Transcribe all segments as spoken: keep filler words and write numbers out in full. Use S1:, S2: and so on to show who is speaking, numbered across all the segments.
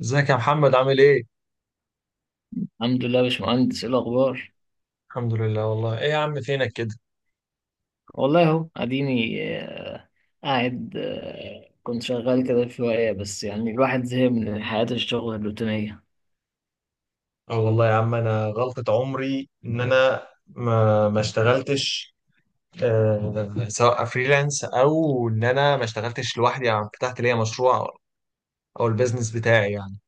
S1: ازيك يا محمد عامل ايه؟
S2: الحمد لله يا باشمهندس، ايه الاخبار؟
S1: الحمد لله والله ايه يا عم فينك كده؟
S2: والله اهو اديني. آه، قاعد. آه، كنت شغال كده شويه، بس يعني الواحد زهق من حياه الشغل الروتينيه.
S1: اه والله يا عم انا غلطة عمري ان انا ما ما اشتغلتش، آه، سواء فريلانس او ان انا ما اشتغلتش لوحدي، يعني فتحت ليا مشروع او البيزنس بتاعي يعني.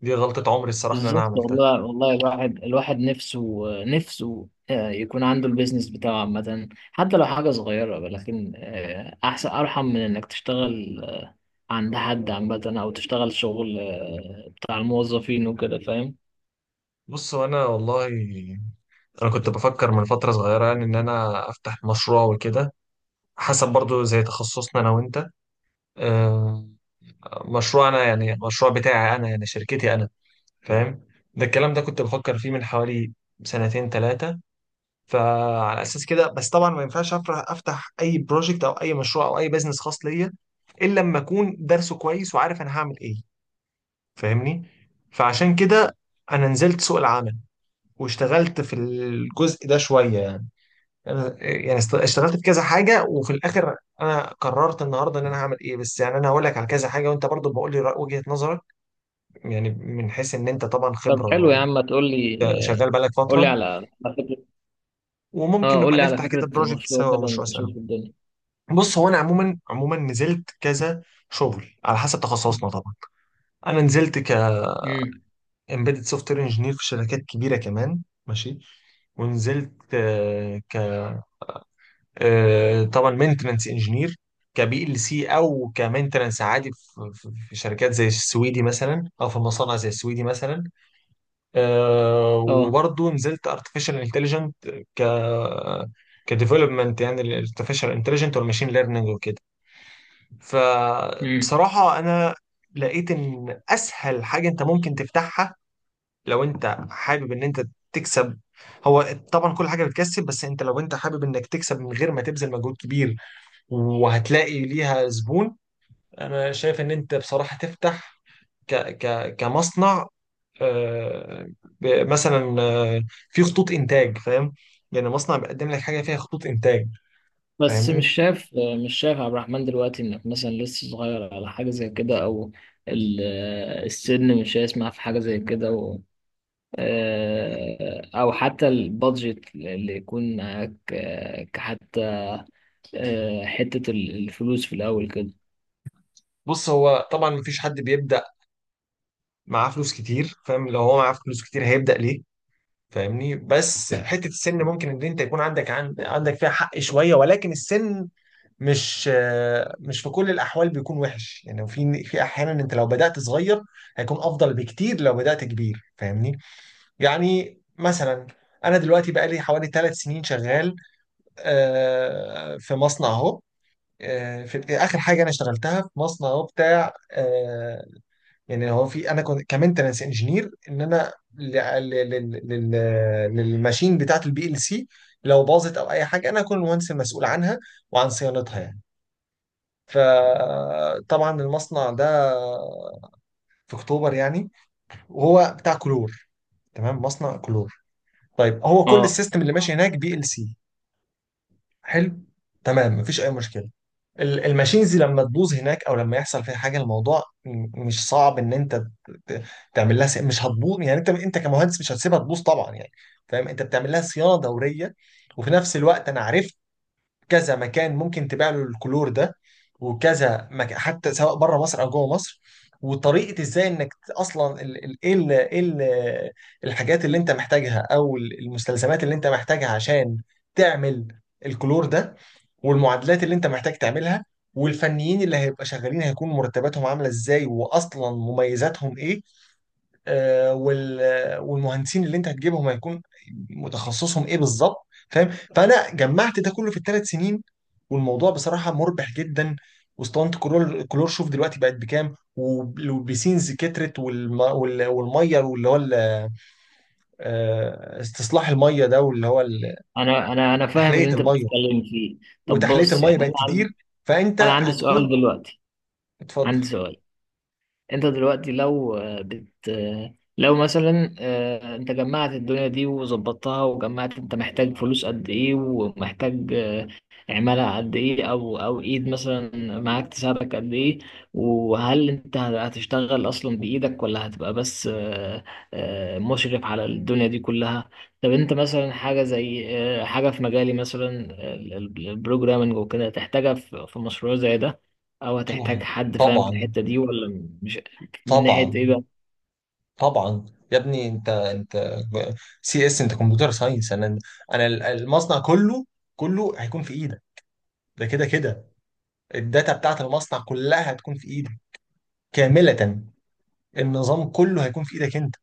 S1: دي غلطة عمري الصراحة ان انا
S2: بالظبط
S1: عملتها.
S2: والله. والله الواحد الواحد نفسه آه، نفسه آه، يكون عنده البيزنس بتاعه عامه، حتى لو حاجه صغيره، لكن آه، احسن، ارحم من انك تشتغل آه، عند حد عامه، او تشتغل شغل آه، بتاع الموظفين وكده، فاهم؟
S1: بص، وانا والله انا كنت بفكر من فترة صغيرة يعني ان انا افتح مشروع وكده، حسب برضو زي تخصصنا انا وانت. آه، مشروع انا يعني، مشروع بتاعي انا يعني، شركتي انا، فاهم؟ ده الكلام ده كنت بفكر فيه من حوالي سنتين ثلاثة، فعلى أساس كده. بس طبعا ما ينفعش أفرح أفتح أي بروجكت أو أي مشروع أو أي بزنس خاص ليا إلا لما أكون درسه كويس وعارف أنا هعمل إيه، فاهمني؟ فعشان كده أنا نزلت سوق العمل واشتغلت في الجزء ده شوية يعني. أنا يعني است- اشتغلت في كذا حاجة، وفي الآخر أنا قررت النهاردة إن أنا هعمل إيه. بس يعني أنا هقول لك على كذا حاجة وأنت برضو بقول لي رأي- وجهة نظرك، يعني من حيث إن أنت طبعا
S2: طب حلو يا
S1: خبرة،
S2: عم، ما تقول لي. آه،
S1: شغال بقالك
S2: قول لي
S1: فترة،
S2: على.
S1: وممكن
S2: اه، قول
S1: نبقى
S2: لي على
S1: نفتح كده
S2: فكرة
S1: بروجكت
S2: المشروع
S1: سوا او
S2: كده،
S1: مشروع سوا.
S2: نشوف الدنيا.
S1: بص، هو انا عموما عموما نزلت كذا شغل على حسب تخصصنا طبعا. انا نزلت ك
S2: امم.
S1: embedded software engineer في شركات كبيره كمان، ماشي؟ ونزلت آه، ك آه، طبعا مينتنانس انجينير، كبي ال سي او كمينتنانس عادي، في في- في شركات زي السويدي مثلا، او في مصانع زي السويدي مثلا. آه،
S2: اه.
S1: وبرضه نزلت ارتفيشال انتليجنت ك كديفلوبمنت، يعني الارتفيشال انتليجنت والماشين ليرنينج وكده.
S2: امم.
S1: فبصراحه انا لقيت ان اسهل حاجه انت ممكن تفتحها لو انت حابب ان انت تكسب، هو طبعا كل حاجه بتكسب بس انت لو انت حابب انك تكسب من غير ما تبذل مجهود كبير وهتلاقي ليها زبون، انا شايف ان انت بصراحه تفتح ك ك كمصنع، آه، ب- مثلا آه، في خطوط انتاج، فاهم؟ يعني مصنع بيقدم لك حاجه فيها خطوط انتاج،
S2: بس
S1: فاهمني؟
S2: مش شايف. مش شايف عبد الرحمن دلوقتي انك مثلا لسه صغير على حاجة زي كده، او ال- آه، السن مش هيسمع في حاجة زي كده، و... آه، او حتى البادجت اللي يكون معاك، آه، كحتى آه، حتة ال- الفلوس في الاول كده.
S1: بص، هو طبعا مفيش حد بيبدا معاه فلوس كتير، فاهم؟ لو هو معاه فلوس كتير هيبدا ليه، فاهمني؟ بس حته السن ممكن ان انت يكون عندك عن- عندك فيها حق شويه، ولكن السن مش، آه، مش في كل الاحوال بيكون وحش، يعني في في احيانا انت لو بدات صغير هيكون افضل بكتير لو بدات كبير، فاهمني؟ يعني مثلا انا دلوقتي بقالي حوالي ثلاث سنين شغال، آه، في مصنع اهو. آه، في اخر حاجه انا اشتغلتها في مصنع اهو بتاع، آه، يعني هو، في انا كنت كمينتنس انجينير ان انا ل- ل- لل- لل- للماشين بتاعه البي ال سي، لو باظت او اي حاجه انا اكون المهندس المسؤول عنها وعن صيانتها يعني. فطبعا المصنع ده في اكتوبر يعني، وهو بتاع كلور، تمام؟ مصنع كلور. طيب، هو كل
S2: اه،
S1: السيستم اللي ماشي هناك بي ال سي، حلو، تمام، مفيش اي مشكله. ال- الماشينز لما تبوظ هناك او لما يحصل فيها حاجه، الموضوع م- مش صعب ان انت ت- تعمل لها س- مش هتبوظ يعني، انت انت كمهندس مش هتسيبها تبوظ طبعا يعني، فاهم؟ انت بتعمل لها صيانه دوريه. وفي نفس الوقت انا عرفت كذا مكان ممكن تبيع له الكلور ده، وكذا مكان حتى سواء بره مصر او جوه مصر، وطريقه ازاي انك ت- اصلا ال- ال- ايه ال- إيه ال- الحاجات اللي انت محتاجها، او ال- المستلزمات اللي انت محتاجها عشان تعمل الكلور ده، والمعادلات اللي انت محتاج تعملها، والفنيين اللي هيبقى شغالين هيكون مرتباتهم عامله ازاي، واصلا مميزاتهم ايه، آه وال والمهندسين اللي انت هتجيبهم هيكون متخصصهم ايه بالظبط، فاهم؟ فانا جمعت ده كله في الثلاث سنين، والموضوع بصراحه مربح جدا. واسطوانه كلور كلور شوف دلوقتي بقت بكام، وب- والبيسينز كترت، والم... وال- والميه، واللي هو ال- آه، استصلاح الميه ده، واللي هو ال-
S2: انا انا انا فاهم
S1: تحليه
S2: اللي انت
S1: الميه،
S2: بتتكلم فيه. طب
S1: وتحليه
S2: بص،
S1: الميه
S2: يعني
S1: بقت
S2: انا
S1: كتير،
S2: عندي
S1: فانت
S2: انا عندي سؤال
S1: هتكون.
S2: دلوقتي.
S1: اتفضل.
S2: عندي سؤال. انت دلوقتي لو آه، بت آه، لو مثلا آه، انت جمعت الدنيا دي وظبطتها وجمعت، انت محتاج فلوس قد ايه، ومحتاج آه، عمالة قد ايه، او او ايد مثلا معاك تساعدك قد ايه. وهل انت هتشتغل اصلا بايدك، ولا هتبقى بس آه، آه، مشرف على الدنيا دي كلها؟ طب انت مثلا حاجة زي آه، حاجة في مجالي مثلا، البروجرامنج وكده، تحتاجها في في مشروع زي ده؟ او هتحتاج
S1: طبعا
S2: حد فاهم في
S1: طبعا
S2: الحتة دي ولا مش. من ناحية ايه
S1: طبعا
S2: بقى؟
S1: طبعا يا ابني انت انت سي اس، انت كمبيوتر ساينس، انا انا المصنع كله، كله هيكون في ايدك، ده كده كده الداتا بتاعت المصنع كلها هتكون في ايدك كاملة، النظام كله هيكون في ايدك انت.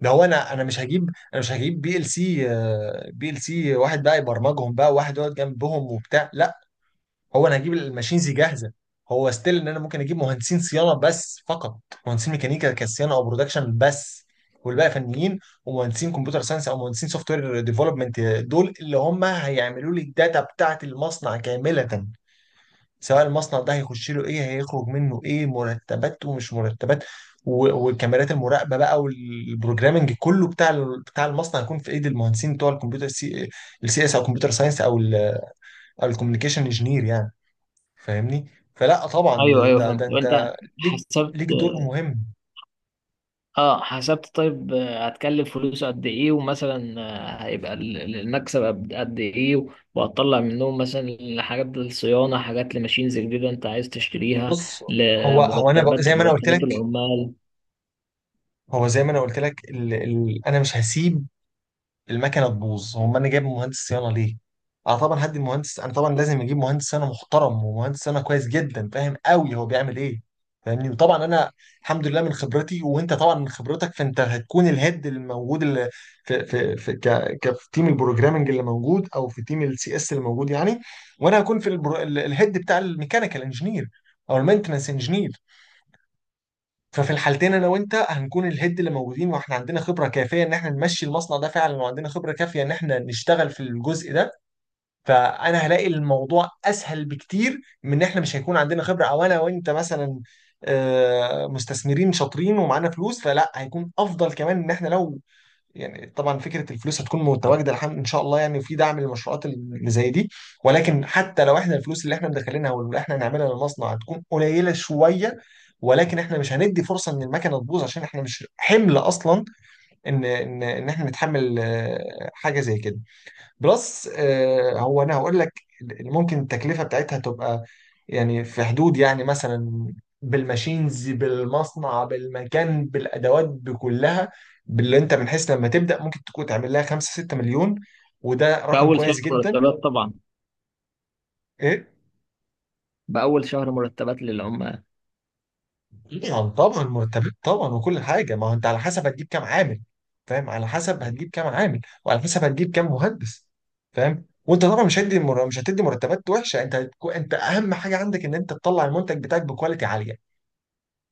S1: ده هو انا، انا مش هجيب انا مش هجيب بي ال سي، آه، بي ال سي واحد بقى يبرمجهم بقى وواحد يقعد جنبهم وبتاع، لا. هو انا هجيب الماشينز جاهزه، هو ستيل ان انا ممكن اجيب مهندسين صيانه بس فقط، مهندسين ميكانيكا كصيانه او برودكشن بس، والباقي فنيين ومهندسين كمبيوتر ساينس او مهندسين سوفت وير ديفلوبمنت، دول اللي هم هيعملوا لي الداتا بتاعه المصنع كامله، سواء المصنع ده هيخش له ايه، هيخرج منه ايه، مرتبات ومش مرتبات. و- والكاميرات المراقبه بقى، والبروجرامنج كله بتاع ال- بتاع المصنع، هيكون في ايد المهندسين بتوع الكمبيوتر سي، السي اس او كمبيوتر ساينس او ال- او الكوميونيكيشن انجينير يعني، فاهمني؟ فلا طبعا
S2: ايوه ايوه،
S1: ده
S2: فهمت.
S1: ده انت
S2: وانت
S1: ليك،
S2: حسبت؟
S1: ليك دور مهم.
S2: اه، حسبت. طيب آه، هتكلف فلوسه قد ايه؟ ومثلا آه، هيبقى ال- ال- المكسب قد قد ايه؟ و- وهتطلع منهم مثلا حاجات للصيانة، حاجات لماشينز جديدة انت عايز تشتريها،
S1: بص، هو اه هو انا ب...
S2: لمرتبات،
S1: زي ما انا قلت
S2: مرتبات
S1: لك،
S2: العمال؟
S1: هو زي ما انا قلت لك ال... ال... انا مش هسيب المكنه تبوظ، هم انا جايب مهندس صيانه ليه؟ اه طبعا هدي المهندس، انا طبعا لازم اجيب مهندس صيانه محترم ومهندس صيانه كويس جدا فاهم قوي هو بيعمل ايه، فاهمني؟ وطبعا انا الحمد لله من خبرتي، وانت طبعا من خبرتك، فانت هتكون الهيد اللي موجود اللي في في في ك ك في تيم البروجرامنج اللي موجود، او في تيم السي اس اللي موجود يعني. وانا هكون في البرو... ال- الهيد بتاع الميكانيكال انجينير او المينتنس انجينير. ففي الحالتين انا وانت هنكون الهيد اللي موجودين، واحنا عندنا خبره كافيه ان احنا نمشي المصنع ده فعلا، وعندنا خبره كافيه ان احنا نشتغل في الجزء ده. فانا هلاقي الموضوع اسهل بكتير من ان احنا مش هيكون عندنا خبره، او انا وانت مثلا آه، مستثمرين شاطرين ومعانا فلوس، فلا هيكون افضل كمان ان احنا لو، يعني طبعا فكره الفلوس هتكون متواجده الحمد ان شاء الله، يعني في دعم للمشروعات اللي زي دي. ولكن حتى لو احنا الفلوس اللي احنا مدخلينها واللي احنا هنعملها للمصنع هتكون قليله شويه، ولكن احنا مش هندي فرصه ان المكنه تبوظ، عشان احنا مش حمل اصلا ان ان ان احنا نتحمل آه، حاجه زي كده. بلس آه، هو انا هقول لك، ال- ممكن التكلفه بتاعتها تبقى يعني في حدود يعني مثلا، بالماشينز بالمصنع بالمكان بالادوات بكلها، باللي انت بنحس لما تبدا، ممكن تكون تعمل لها خمسة ستة مليون، وده رقم
S2: بأول شهر
S1: كويس جدا.
S2: مرتبات طبعا.
S1: إيه؟
S2: بأول شهر مرتبات للعمال.
S1: يعني طبعا مرتبات طبعا وكل حاجه، ما هو انت على حسب هتجيب كام عامل، فاهم؟ على حسب هتجيب كام عامل وعلى حسب هتجيب كام مهندس، فاهم؟ وانت طبعا مش هتدي مر... مش هتدي مرتبات وحشه، انت هتكو... انت اهم حاجه عندك ان انت تطلع المنتج بتاعك بكواليتي عاليه،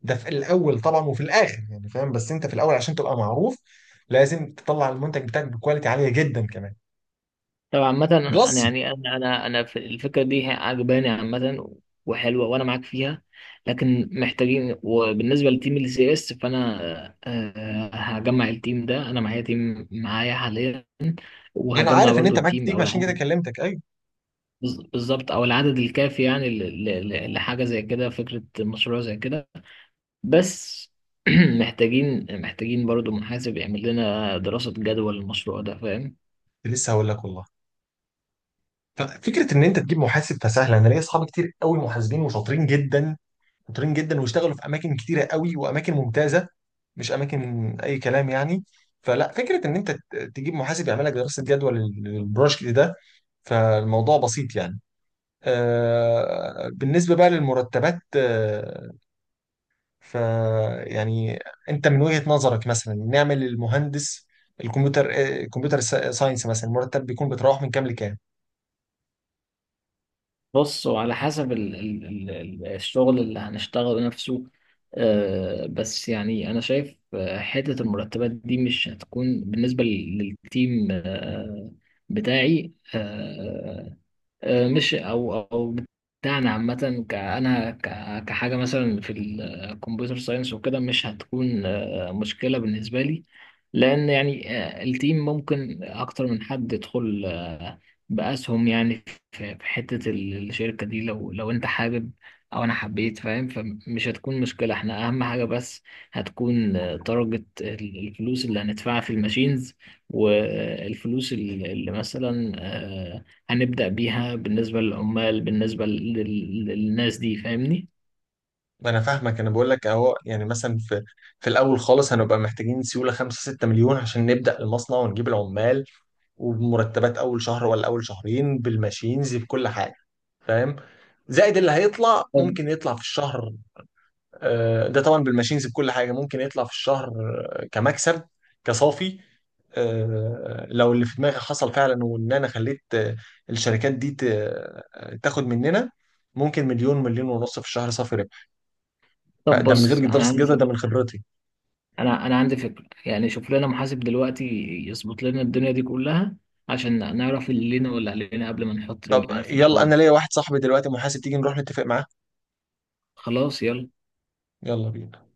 S1: ده في الاول طبعا وفي الاخر يعني، فاهم؟ بس انت في الاول عشان تبقى معروف لازم تطلع المنتج بتاعك بكواليتي عاليه جدا كمان.
S2: طب عامة، أنا أنا
S1: بلس،
S2: يعني أنا أنا أنا في الفكرة دي هي عجباني عامة، وحلوة، وأنا معاك فيها. لكن محتاجين، وبالنسبة لتيم ال سي اس، فأنا آه، آه، هجمع التيم ده. أنا معايا تيم، معايا حاليا،
S1: انا
S2: وهجمع
S1: عارف ان
S2: برضو
S1: انت معاك
S2: التيم أو
S1: تيم عشان كده
S2: العدد.
S1: كلمتك، ايوه.
S2: بز- بالظبط، أو العدد الكافي يعني ل- ل- ل- لحاجة زي كده، فكرة مشروع زي كده. بس محتاجين محتاجين برضو محاسب يعمل لنا دراسة جدوى للمشروع ده، فاهم؟
S1: كنت لسه هقول لك والله، ففكره ان انت تجيب محاسب فسهله، انا ليا اصحاب كتير قوي محاسبين وشاطرين جدا، شاطرين جدا واشتغلوا في اماكن كتيره قوي واماكن ممتازه، مش اماكن اي كلام يعني. فلا فكره ان انت ت- تجيب محاسب يعمل لك دراسه جدوى لل- للبروجكت ده، فالموضوع بسيط يعني. آه، بالنسبه بقى للمرتبات، آه، ف يعني انت من وجهه نظرك مثلا نعمل المهندس الكمبيوتر، آه، الكمبيوتر سا- ساينس مثلا، المرتب بيكون بيتراوح من كام لكام؟
S2: بص، وعلى حسب ال ال ال ال- الشغل اللي هنشتغله نفسه. آه، بس يعني أنا شايف آه، حتة المرتبات دي مش هتكون بالنسبة لل- للتيم آه بتاعي. آه آه، مش او او بتاعنا عامه، ك- انا ك- كحاجه مثلا في الكمبيوتر ساينس وكده، مش هتكون آه، مشكله بالنسبه لي. لان يعني آه، التيم ممكن اكتر من حد يدخل آه، باسهم يعني في في حته ال- الشركه دي، لو لو انت حابب او انا حبيت، فاهم؟ فمش هتكون مشكله. احنا اهم حاجه بس هتكون درجه الفلوس اللي هندفعها في الماشينز، والفلوس اللي اللي مثلا آه، هنبدأ بيها بالنسبة للعمال، بالنسبة لل- للناس دي، فاهمني؟
S1: ما انا فاهمك، انا بقول لك اهو، يعني مثلا في في الاول خالص هنبقى محتاجين سيوله خمسة ستة مليون عشان نبدا المصنع ونجيب العمال، وبمرتبات اول شهر ولا اول شهرين، بالماشينز بكل حاجه، فاهم؟ زائد اللي هيطلع
S2: طب
S1: ممكن يطلع في الشهر، آه، ده طبعا بالماشينز بكل حاجه ممكن يطلع في الشهر آه، كمكسب، كصافي. آه، لو اللي في دماغي حصل فعلا، وان انا خليت آه، الشركات دي ت- آه، تاخد مننا، ممكن مليون مليون ونص في الشهر صافي.
S2: طب
S1: ده من
S2: بص،
S1: غير
S2: انا
S1: دراسة
S2: عندي
S1: جدوى، ده
S2: فكرة.
S1: من خبرتي.
S2: انا انا عندي فكرة يعني. شوف لنا محاسب دلوقتي يظبط لنا الدنيا دي كلها، عشان نعرف اللي لينا واللي علينا قبل ما نحط رجلنا
S1: طب
S2: في
S1: يلا،
S2: الحوار.
S1: انا ليا واحد صاحبي دلوقتي محاسب، تيجي نروح نتفق معاه.
S2: خلاص، يلا.
S1: يلا بينا.